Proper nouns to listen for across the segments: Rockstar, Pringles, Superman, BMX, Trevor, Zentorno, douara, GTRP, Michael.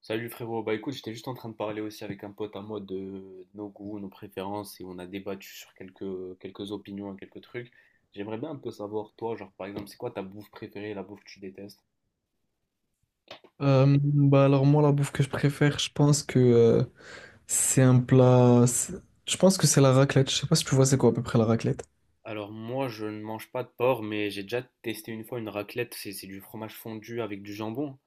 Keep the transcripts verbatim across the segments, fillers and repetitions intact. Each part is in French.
Salut frérot, bah écoute, j'étais juste en train de parler aussi avec un pote à moi de nos goûts, nos préférences et on a débattu sur quelques, quelques opinions et quelques trucs. J'aimerais bien un peu savoir, toi, genre par exemple, c'est quoi ta bouffe préférée, la bouffe que tu détestes? Euh, bah alors moi la bouffe que je préfère, je pense que euh, c'est un plat. c'est- Je pense que c'est la raclette. Je sais pas si tu vois c'est quoi à peu près la raclette. Alors moi, je ne mange pas de porc, mais j'ai déjà testé une fois une raclette. C'est c'est du fromage fondu avec du jambon.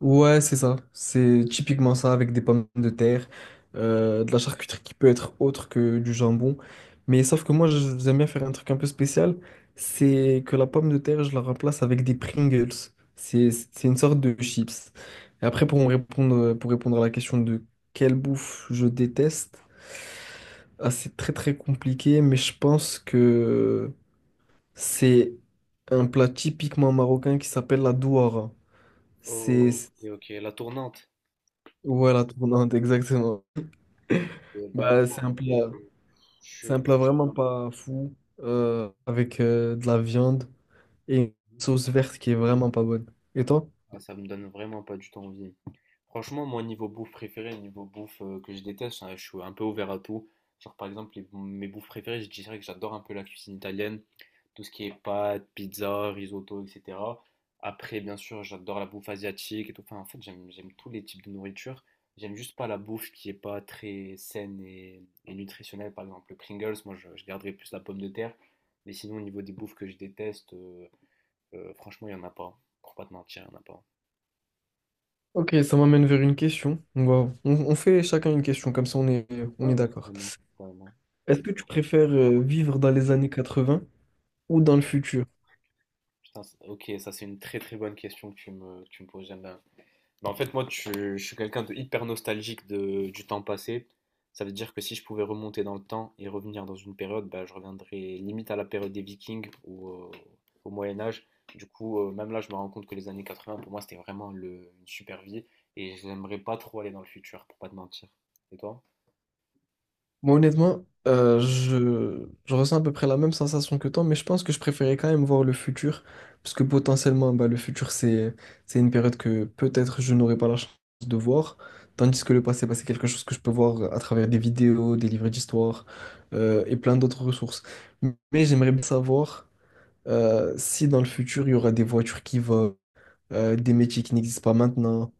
Ouais, c'est ça. C'est typiquement ça avec des pommes de terre, euh, de la charcuterie qui peut être autre que du jambon. Mais sauf que moi, je- j'aime bien faire un truc un peu spécial. C'est que la pomme de terre, je la remplace avec des Pringles. C'est, c'est une sorte de chips. Et après, pour me répondre, pour répondre à la question de quelle bouffe je déteste, ah, c'est très très compliqué, mais je pense que c'est un plat typiquement marocain qui s'appelle la douara. Oh, et ok, la tournante. Voilà, tournante, exactement. Ok, bah Bah, moi, c'est un en vrai, plat, je c'est suis un désolé. plat vraiment pas fou, euh, avec euh, de la viande et une sauce verte qui est vraiment pas bonne. Et toi? Ah, ça me donne vraiment pas du tout envie. Franchement, moi, niveau bouffe préférée, niveau bouffe euh, que je déteste, hein, je suis un peu ouvert à tout. Genre, par exemple, les- mes bouffes préférées, je dirais que j'adore un peu la cuisine italienne, tout ce qui est pâtes, pizza, risotto, et cetera. Après, bien sûr, j'adore la bouffe asiatique et tout. Enfin, en fait, j'aime, j'aime tous les types de nourriture. J'aime juste pas la bouffe qui est pas très saine et, et nutritionnelle. Par exemple, le Pringles, moi, je, je garderais plus la pomme de terre. Mais sinon, au niveau des bouffes que je déteste, euh, euh, franchement, il y en a pas. Pour pas te mentir, il y en a pas. Ok, ça m'amène vers une question. On va- on, on fait chacun une question, comme ça on est, on Ouais, est ouais, d'accord. carrément. Ouais. Est-ce que tu préfères euh, vivre dans les années quatre-vingts ou dans le futur? Putain, c'est- ok, ça c'est une très très bonne question que tu me, que tu me poses, j'aime bien. Bah, en fait, moi, tu- je suis quelqu'un de hyper nostalgique de, du temps passé. Ça veut dire que si je pouvais remonter dans le temps et revenir dans une période, bah, je reviendrais limite à la période des Vikings ou euh, au Moyen Âge. Du coup, euh, même là, je me rends compte que les années quatre-vingts, pour moi, c'était vraiment le- une super vie et j'aimerais pas trop aller dans le futur, pour pas te mentir. Et toi? Moi, honnêtement, euh, je, je ressens à peu près la même sensation que toi, mais je pense que je préférais quand même voir le futur, parce que potentiellement, bah, le futur, c'est, c'est une période que peut-être je n'aurai pas la chance de voir, tandis que le passé, bah, c'est quelque chose que je peux voir à travers des vidéos, des livres d'histoire, euh, et plein d'autres ressources. Mais j'aimerais bien savoir euh, si dans le futur, il y aura des voitures qui volent, euh, des métiers qui n'existent pas maintenant.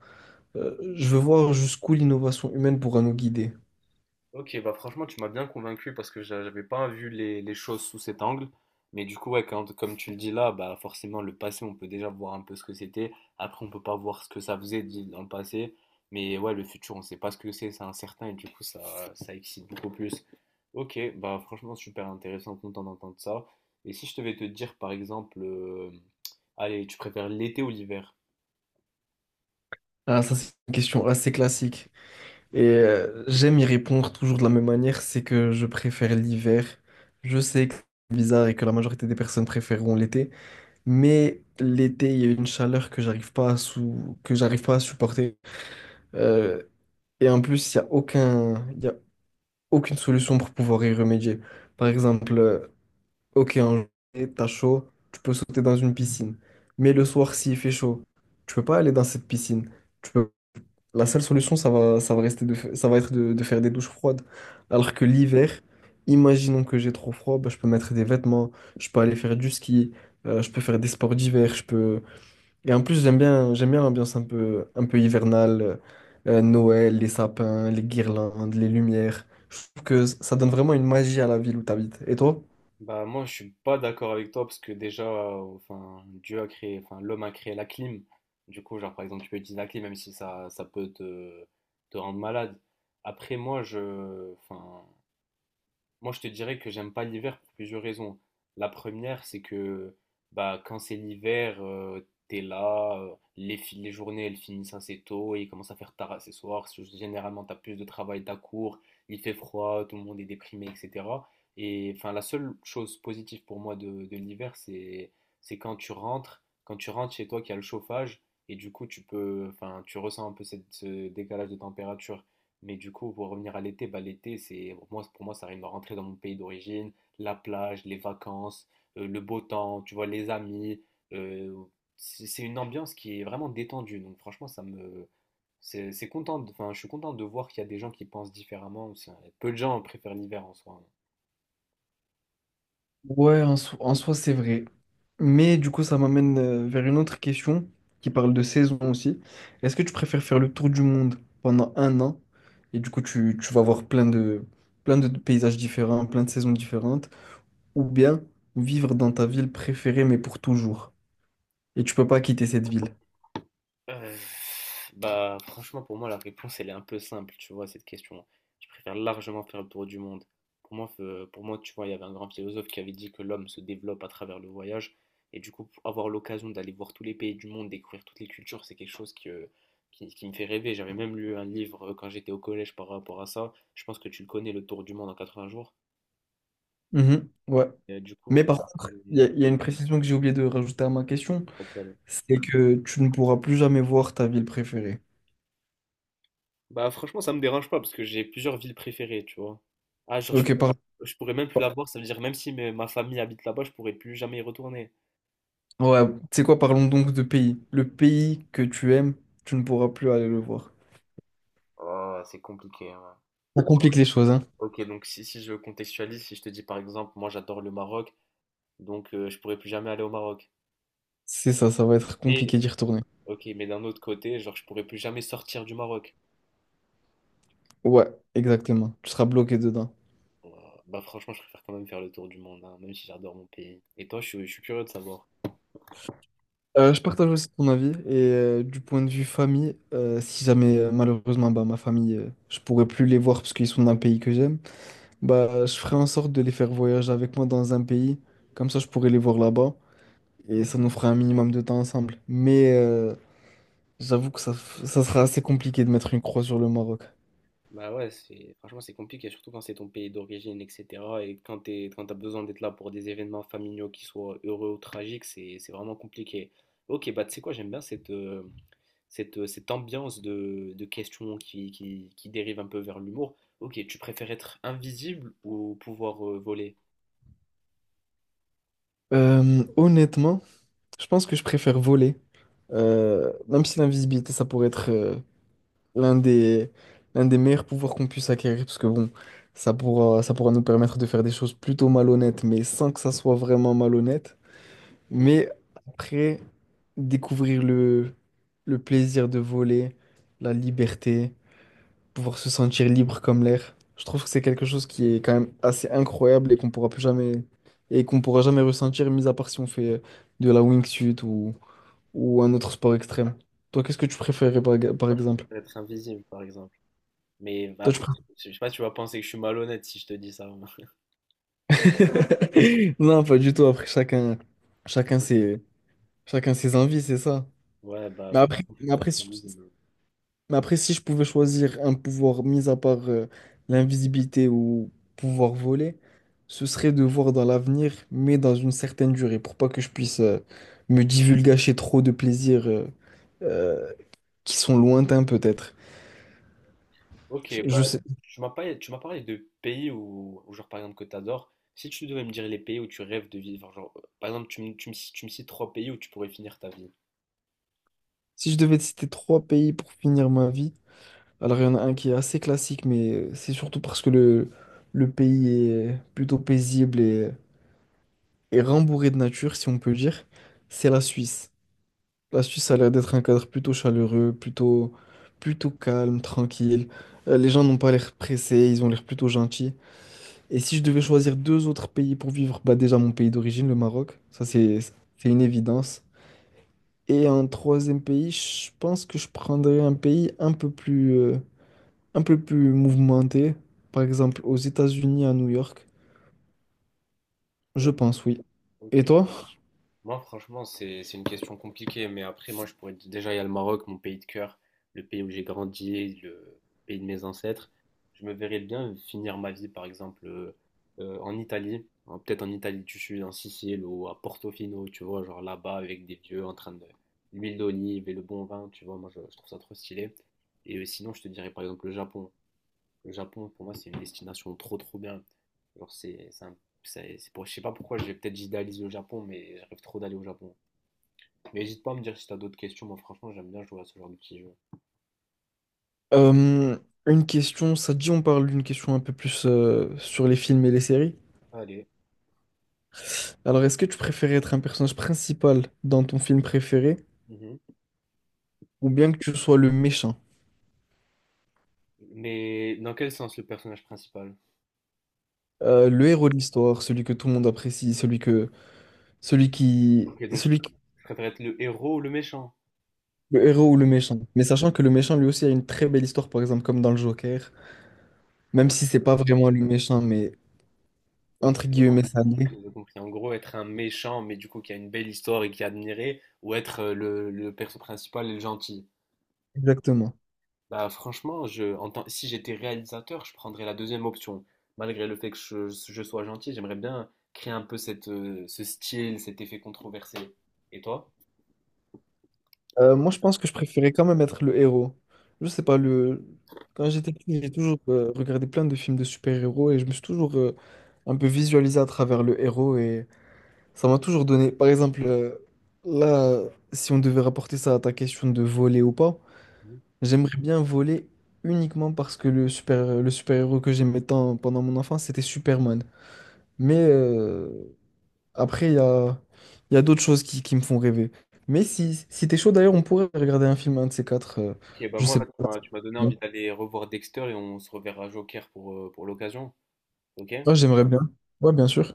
Euh, je veux voir jusqu'où l'innovation humaine pourra nous guider. Ok, bah franchement, tu m'as bien convaincu parce que j'a- j'avais pas vu les, les choses sous cet angle. Mais du coup, ouais, quand- comme tu le dis là, bah forcément, le passé, on peut déjà voir un peu ce que c'était. Après, on peut pas voir ce que ça faisait dit- dans le passé. Mais ouais, le futur, on sait pas ce que c'est, c'est incertain et du coup, ça, ça excite beaucoup plus. Ok, bah franchement, super intéressant, content d'entendre ça. Et si je devais te dire, par exemple, euh, allez, tu préfères l'été ou l'hiver? Ah, ça, c'est une question assez classique. Et euh, j'aime y répondre toujours de la même manière, c'est que je préfère l'hiver. Je sais que c'est bizarre et que la majorité des personnes préféreront l'été, mais l'été, il y a une chaleur que j'arrive pas à sou- que j'arrive pas à supporter. Euh, et en plus, il y a aucun, il y a aucune solution pour pouvoir y remédier. Par exemple, euh, ok, en janvier, t'as chaud, tu peux sauter dans une piscine. Mais le soir, s'il fait chaud, tu peux pas aller dans cette piscine. La seule solution, ça va, ça va rester de, fa- ça va être de, de faire des douches froides. Alors que l'hiver, imaginons que j'ai trop froid, bah, je peux mettre des vêtements, je peux aller faire du ski, euh, je peux faire des sports d'hiver, je peux. Et en plus, j'aime bien, j'aime bien l'ambiance un peu, un peu hivernale, euh, euh, Noël, les sapins, les guirlandes, les lumières. Je trouve que ça donne vraiment une magie à la ville où tu habites. Et toi? Bah moi je suis pas d'accord avec toi parce que déjà euh, enfin Dieu a créé enfin l'homme a créé la clim. Du coup genre par exemple tu peux utiliser la clim même si ça, ça peut te, te rendre malade. Après moi je enfin moi, je te dirais que j'aime pas l'hiver pour plusieurs raisons. La première, c'est que bah, quand c'est l'hiver, euh, t'es là, euh, les, fi- les journées elles finissent assez tôt et il commence à faire tard assez soir. s- Généralement, t'as plus de travail, t'as cours, il fait froid, tout le monde est déprimé, et cetera. Et enfin, la seule chose positive pour moi de, de l'hiver, c'est c'est quand tu rentres, quand tu rentres chez toi, qu'il y a le chauffage et du coup, tu peux, enfin, tu ressens un peu cette, ce décalage de température. Mais du coup, pour revenir à l'été, bah, l'été, c'est pour moi, pour moi, ça arrive à rentrer dans mon pays d'origine, la plage, les vacances, euh, le beau temps, tu vois, les amis. euh, c'est c'est une ambiance qui est vraiment détendue. Donc franchement, ça me, c'est c'est content. de- Enfin, je suis content de voir qu'il y a des gens qui pensent différemment. C'est- Peu de gens préfèrent l'hiver en soi, hein. Ouais, en, so- en soi, c'est vrai. Mais du coup, ça m'amène euh, vers une autre question qui parle de saison aussi. Est-ce que tu préfères faire le tour du monde pendant un an et du coup, tu, tu vas voir plein de, plein de paysages différents, plein de saisons différentes, ou bien vivre dans ta ville préférée mais pour toujours et tu peux pas quitter cette ville? Euh, bah, franchement, pour moi, la réponse, elle est un peu simple, tu vois, à cette question. Je préfère largement faire le tour du monde. Pour moi, fe- pour moi, tu vois, il y avait un grand philosophe qui avait dit que l'homme se développe à travers le voyage. Et du coup, avoir l'occasion d'aller voir tous les pays du monde, découvrir toutes les cultures, c'est quelque chose qui, euh, qui, qui me fait rêver. J'avais même lu un livre euh, quand j'étais au collège par rapport à ça. Je pense que tu le connais, Le Tour du monde en quatre-vingts jours. Mhm, ouais. Et, euh, du coup, Mais fr- par contre, il y a, mais- il y a une précision que j'ai oublié de rajouter à ma question, c'est que tu ne pourras plus jamais voir ta ville préférée. bah franchement ça me dérange pas parce que j'ai plusieurs villes préférées, tu vois. Ah genre je Ok, pourrais, pardon. je pourrais même plus la voir, ça veut dire même si mes- ma famille habite là-bas, je pourrais plus jamais y retourner. Ouais, tu sais quoi, parlons donc de pays. Le pays que tu aimes, tu ne pourras plus aller le voir. Oh, c'est compliqué, hein. Ça complique les choses, hein. Ok donc si, si je contextualise, si je te dis par exemple moi j'adore le Maroc, donc euh, je pourrais plus jamais aller au Maroc. C'est ça, ça va être Mais compliqué d'y retourner. ok mais d'un autre côté, genre je pourrais plus jamais sortir du Maroc. Ouais, exactement. Tu seras bloqué dedans. Euh, Bah franchement je préfère quand même faire le tour du monde, hein, même si j'adore mon pays. Et toi je, suis- je suis curieux de savoir. Euh, je partage aussi ton avis et euh, du point de vue famille, euh, si jamais euh, malheureusement bah, ma famille, euh, je pourrais plus les voir parce qu'ils sont d'un pays que j'aime, bah je ferai en sorte de les faire voyager avec moi dans un pays, comme ça je pourrais les voir là-bas et ça nous fera un minimum de temps ensemble. Mais euh, j'avoue que ça, f- ça sera assez compliqué de mettre une croix sur le Maroc. Bah ouais, c'est franchement c'est compliqué, surtout quand c'est ton pays d'origine, et cetera. Et quand t'es, quand t'as besoin d'être là pour des événements familiaux qui soient heureux ou tragiques, c'est c'est vraiment compliqué. Ok, bah tu sais quoi, j'aime bien cette, euh, cette, euh, cette ambiance de, de questions qui, qui, qui dérive un peu vers l'humour. Ok, tu préfères être invisible ou pouvoir euh, voler? Euh, honnêtement, je pense que je préfère voler. Euh, même si l'invisibilité, ça pourrait être euh, l'un des, l'un des meilleurs pouvoirs qu'on puisse acquérir, parce que bon, ça pourra, ça pourra nous permettre de faire des choses plutôt malhonnêtes, mais sans que ça soit vraiment malhonnête. Mhm. Mais après, découvrir le, le plaisir de voler, la liberté pouvoir se sentir libre comme l'air. Je trouve que c'est quelque chose qui est quand même assez incroyable et qu'on pourra plus jamais et qu'on pourra jamais ressentir, mis à part si on fait euh, de la wingsuit ou, ou un autre sport extrême. Toi, qu'est-ce que tu préférais par, par Moi, je exemple? préfère être invisible, par exemple. Mais bah, Toi, tu après, préfères... je sais pas, tu vas penser que je suis malhonnête si je te dis ça. Non, pas du tout. Après, chacun, Je vais chacun penser ses, chacun ses envies, c'est ça. que- ouais, bah, Mais après, mais faut après, être si invisible. Mais après, si je pouvais choisir un pouvoir, mis à part euh, l'invisibilité ou pouvoir voler, ce serait de voir dans l'avenir, mais dans une certaine durée, pour pas que je puisse euh, me divulgacher trop de plaisirs euh, euh, qui sont lointains peut-être. Ok, Je bah, je sais, tu m'as pas- tu m'as parlé de pays où, où, genre, par exemple, que tu adores. Si tu devais me dire les pays où tu rêves de vivre, genre, euh, par exemple, tu me, tu me, tu me cites trois pays où tu pourrais finir ta vie. si je devais te citer trois pays pour finir ma vie, alors il y en a un qui est assez classique, mais euh, c'est surtout parce que le, le pays est plutôt paisible et, et rembourré de nature, si on peut dire, c'est la Suisse. La Suisse a l'air d'être un cadre plutôt chaleureux, plutôt, plutôt calme, tranquille. Euh, les gens n'ont pas l'air pressés, ils ont l'air plutôt gentils. Et si je devais choisir deux autres pays pour vivre, bah déjà mon pays d'origine, le Maroc, ça c'est, c'est une évidence. Et un troisième pays, je pense que je prendrais un pays un peu plus, euh, un peu plus mouvementé, par exemple aux États-Unis, à New York. Je O- pense, oui. Et Ok. toi? Moi, franchement, c'est c'est une question compliquée, mais après, moi, je pourrais te- déjà, il y a le Maroc, mon pays de cœur, le pays où j'ai grandi, le pays de mes ancêtres. Je me verrais bien finir ma vie, par exemple, euh, euh, en Italie, hein, peut-être en Italie du Sud, en Sicile ou à Portofino, tu vois, genre là-bas avec des vieux en train de l'huile d'olive et le bon vin, tu vois, moi, je, je trouve ça trop stylé. Et euh, sinon, je te dirais, par exemple, le Japon. Le Japon, pour moi, c'est une destination trop trop bien. Genre, c'est, c'est un- c'est- c'est pour, je sais pas pourquoi, je vais peut-être idéaliser le Japon, mais je rêve trop d'aller au Japon. Mais n'hésite pas à me dire si t'as d'autres questions. Moi, franchement, j'aime bien jouer à ce genre de petits jeux. Euh, une question, ça te dit on parle d'une question un peu plus euh, sur les films et les séries? Allez. Alors, est-ce que tu préférais être un personnage principal dans ton film préféré Mhm. ou bien que tu sois le méchant, Mais dans quel sens le personnage principal? Euh, le héros de l'histoire, celui que tout le monde apprécie, celui que, celui qui, Ok, donc je celui pr- qui- préfère être le héros ou le méchant? le héros ou le méchant. Mais sachant que le méchant lui aussi a une très belle histoire, par exemple comme dans le Joker, même si c'est pas vraiment le méchant, mais Ok, entre guillemets ça l'est. j'ai compris. En gros, être un méchant, mais du coup qui a une belle histoire et qui est admiré, ou être euh, le, le perso principal et le gentil. Exactement. Bah franchement, je, en tant- si j'étais réalisateur, je prendrais la deuxième option. Malgré le fait que je, je sois gentil, j'aimerais bien créer un peu cette, euh, ce style, cet effet controversé. Et toi? Euh, moi, je pense que je préférais quand même être le héros. Je sais pas le. Quand j'étais petit, j'ai toujours euh, regardé plein de films de super-héros et je me suis toujours euh, un peu visualisé à travers le héros et ça m'a toujours donné. Par exemple, euh, là, si on devait rapporter ça à ta question de voler ou pas, Mhm. j'aimerais bien voler uniquement parce que le super, le super-héros que j'aimais tant pendant mon enfance, c'était Superman. Mais euh, après, il y a, il y a d'autres choses qui, qui me font rêver. Mais si, si t'es chaud, d'ailleurs, on pourrait regarder un film, un de ces quatre. euh, Ok, bah je moi sais là, tu pas. m'as tu m'as donné envie d'aller revoir Dexter et on se reverra Joker pour, euh, pour l'occasion. Ok? Ouais, j'aimerais bien. Ouais, bien sûr.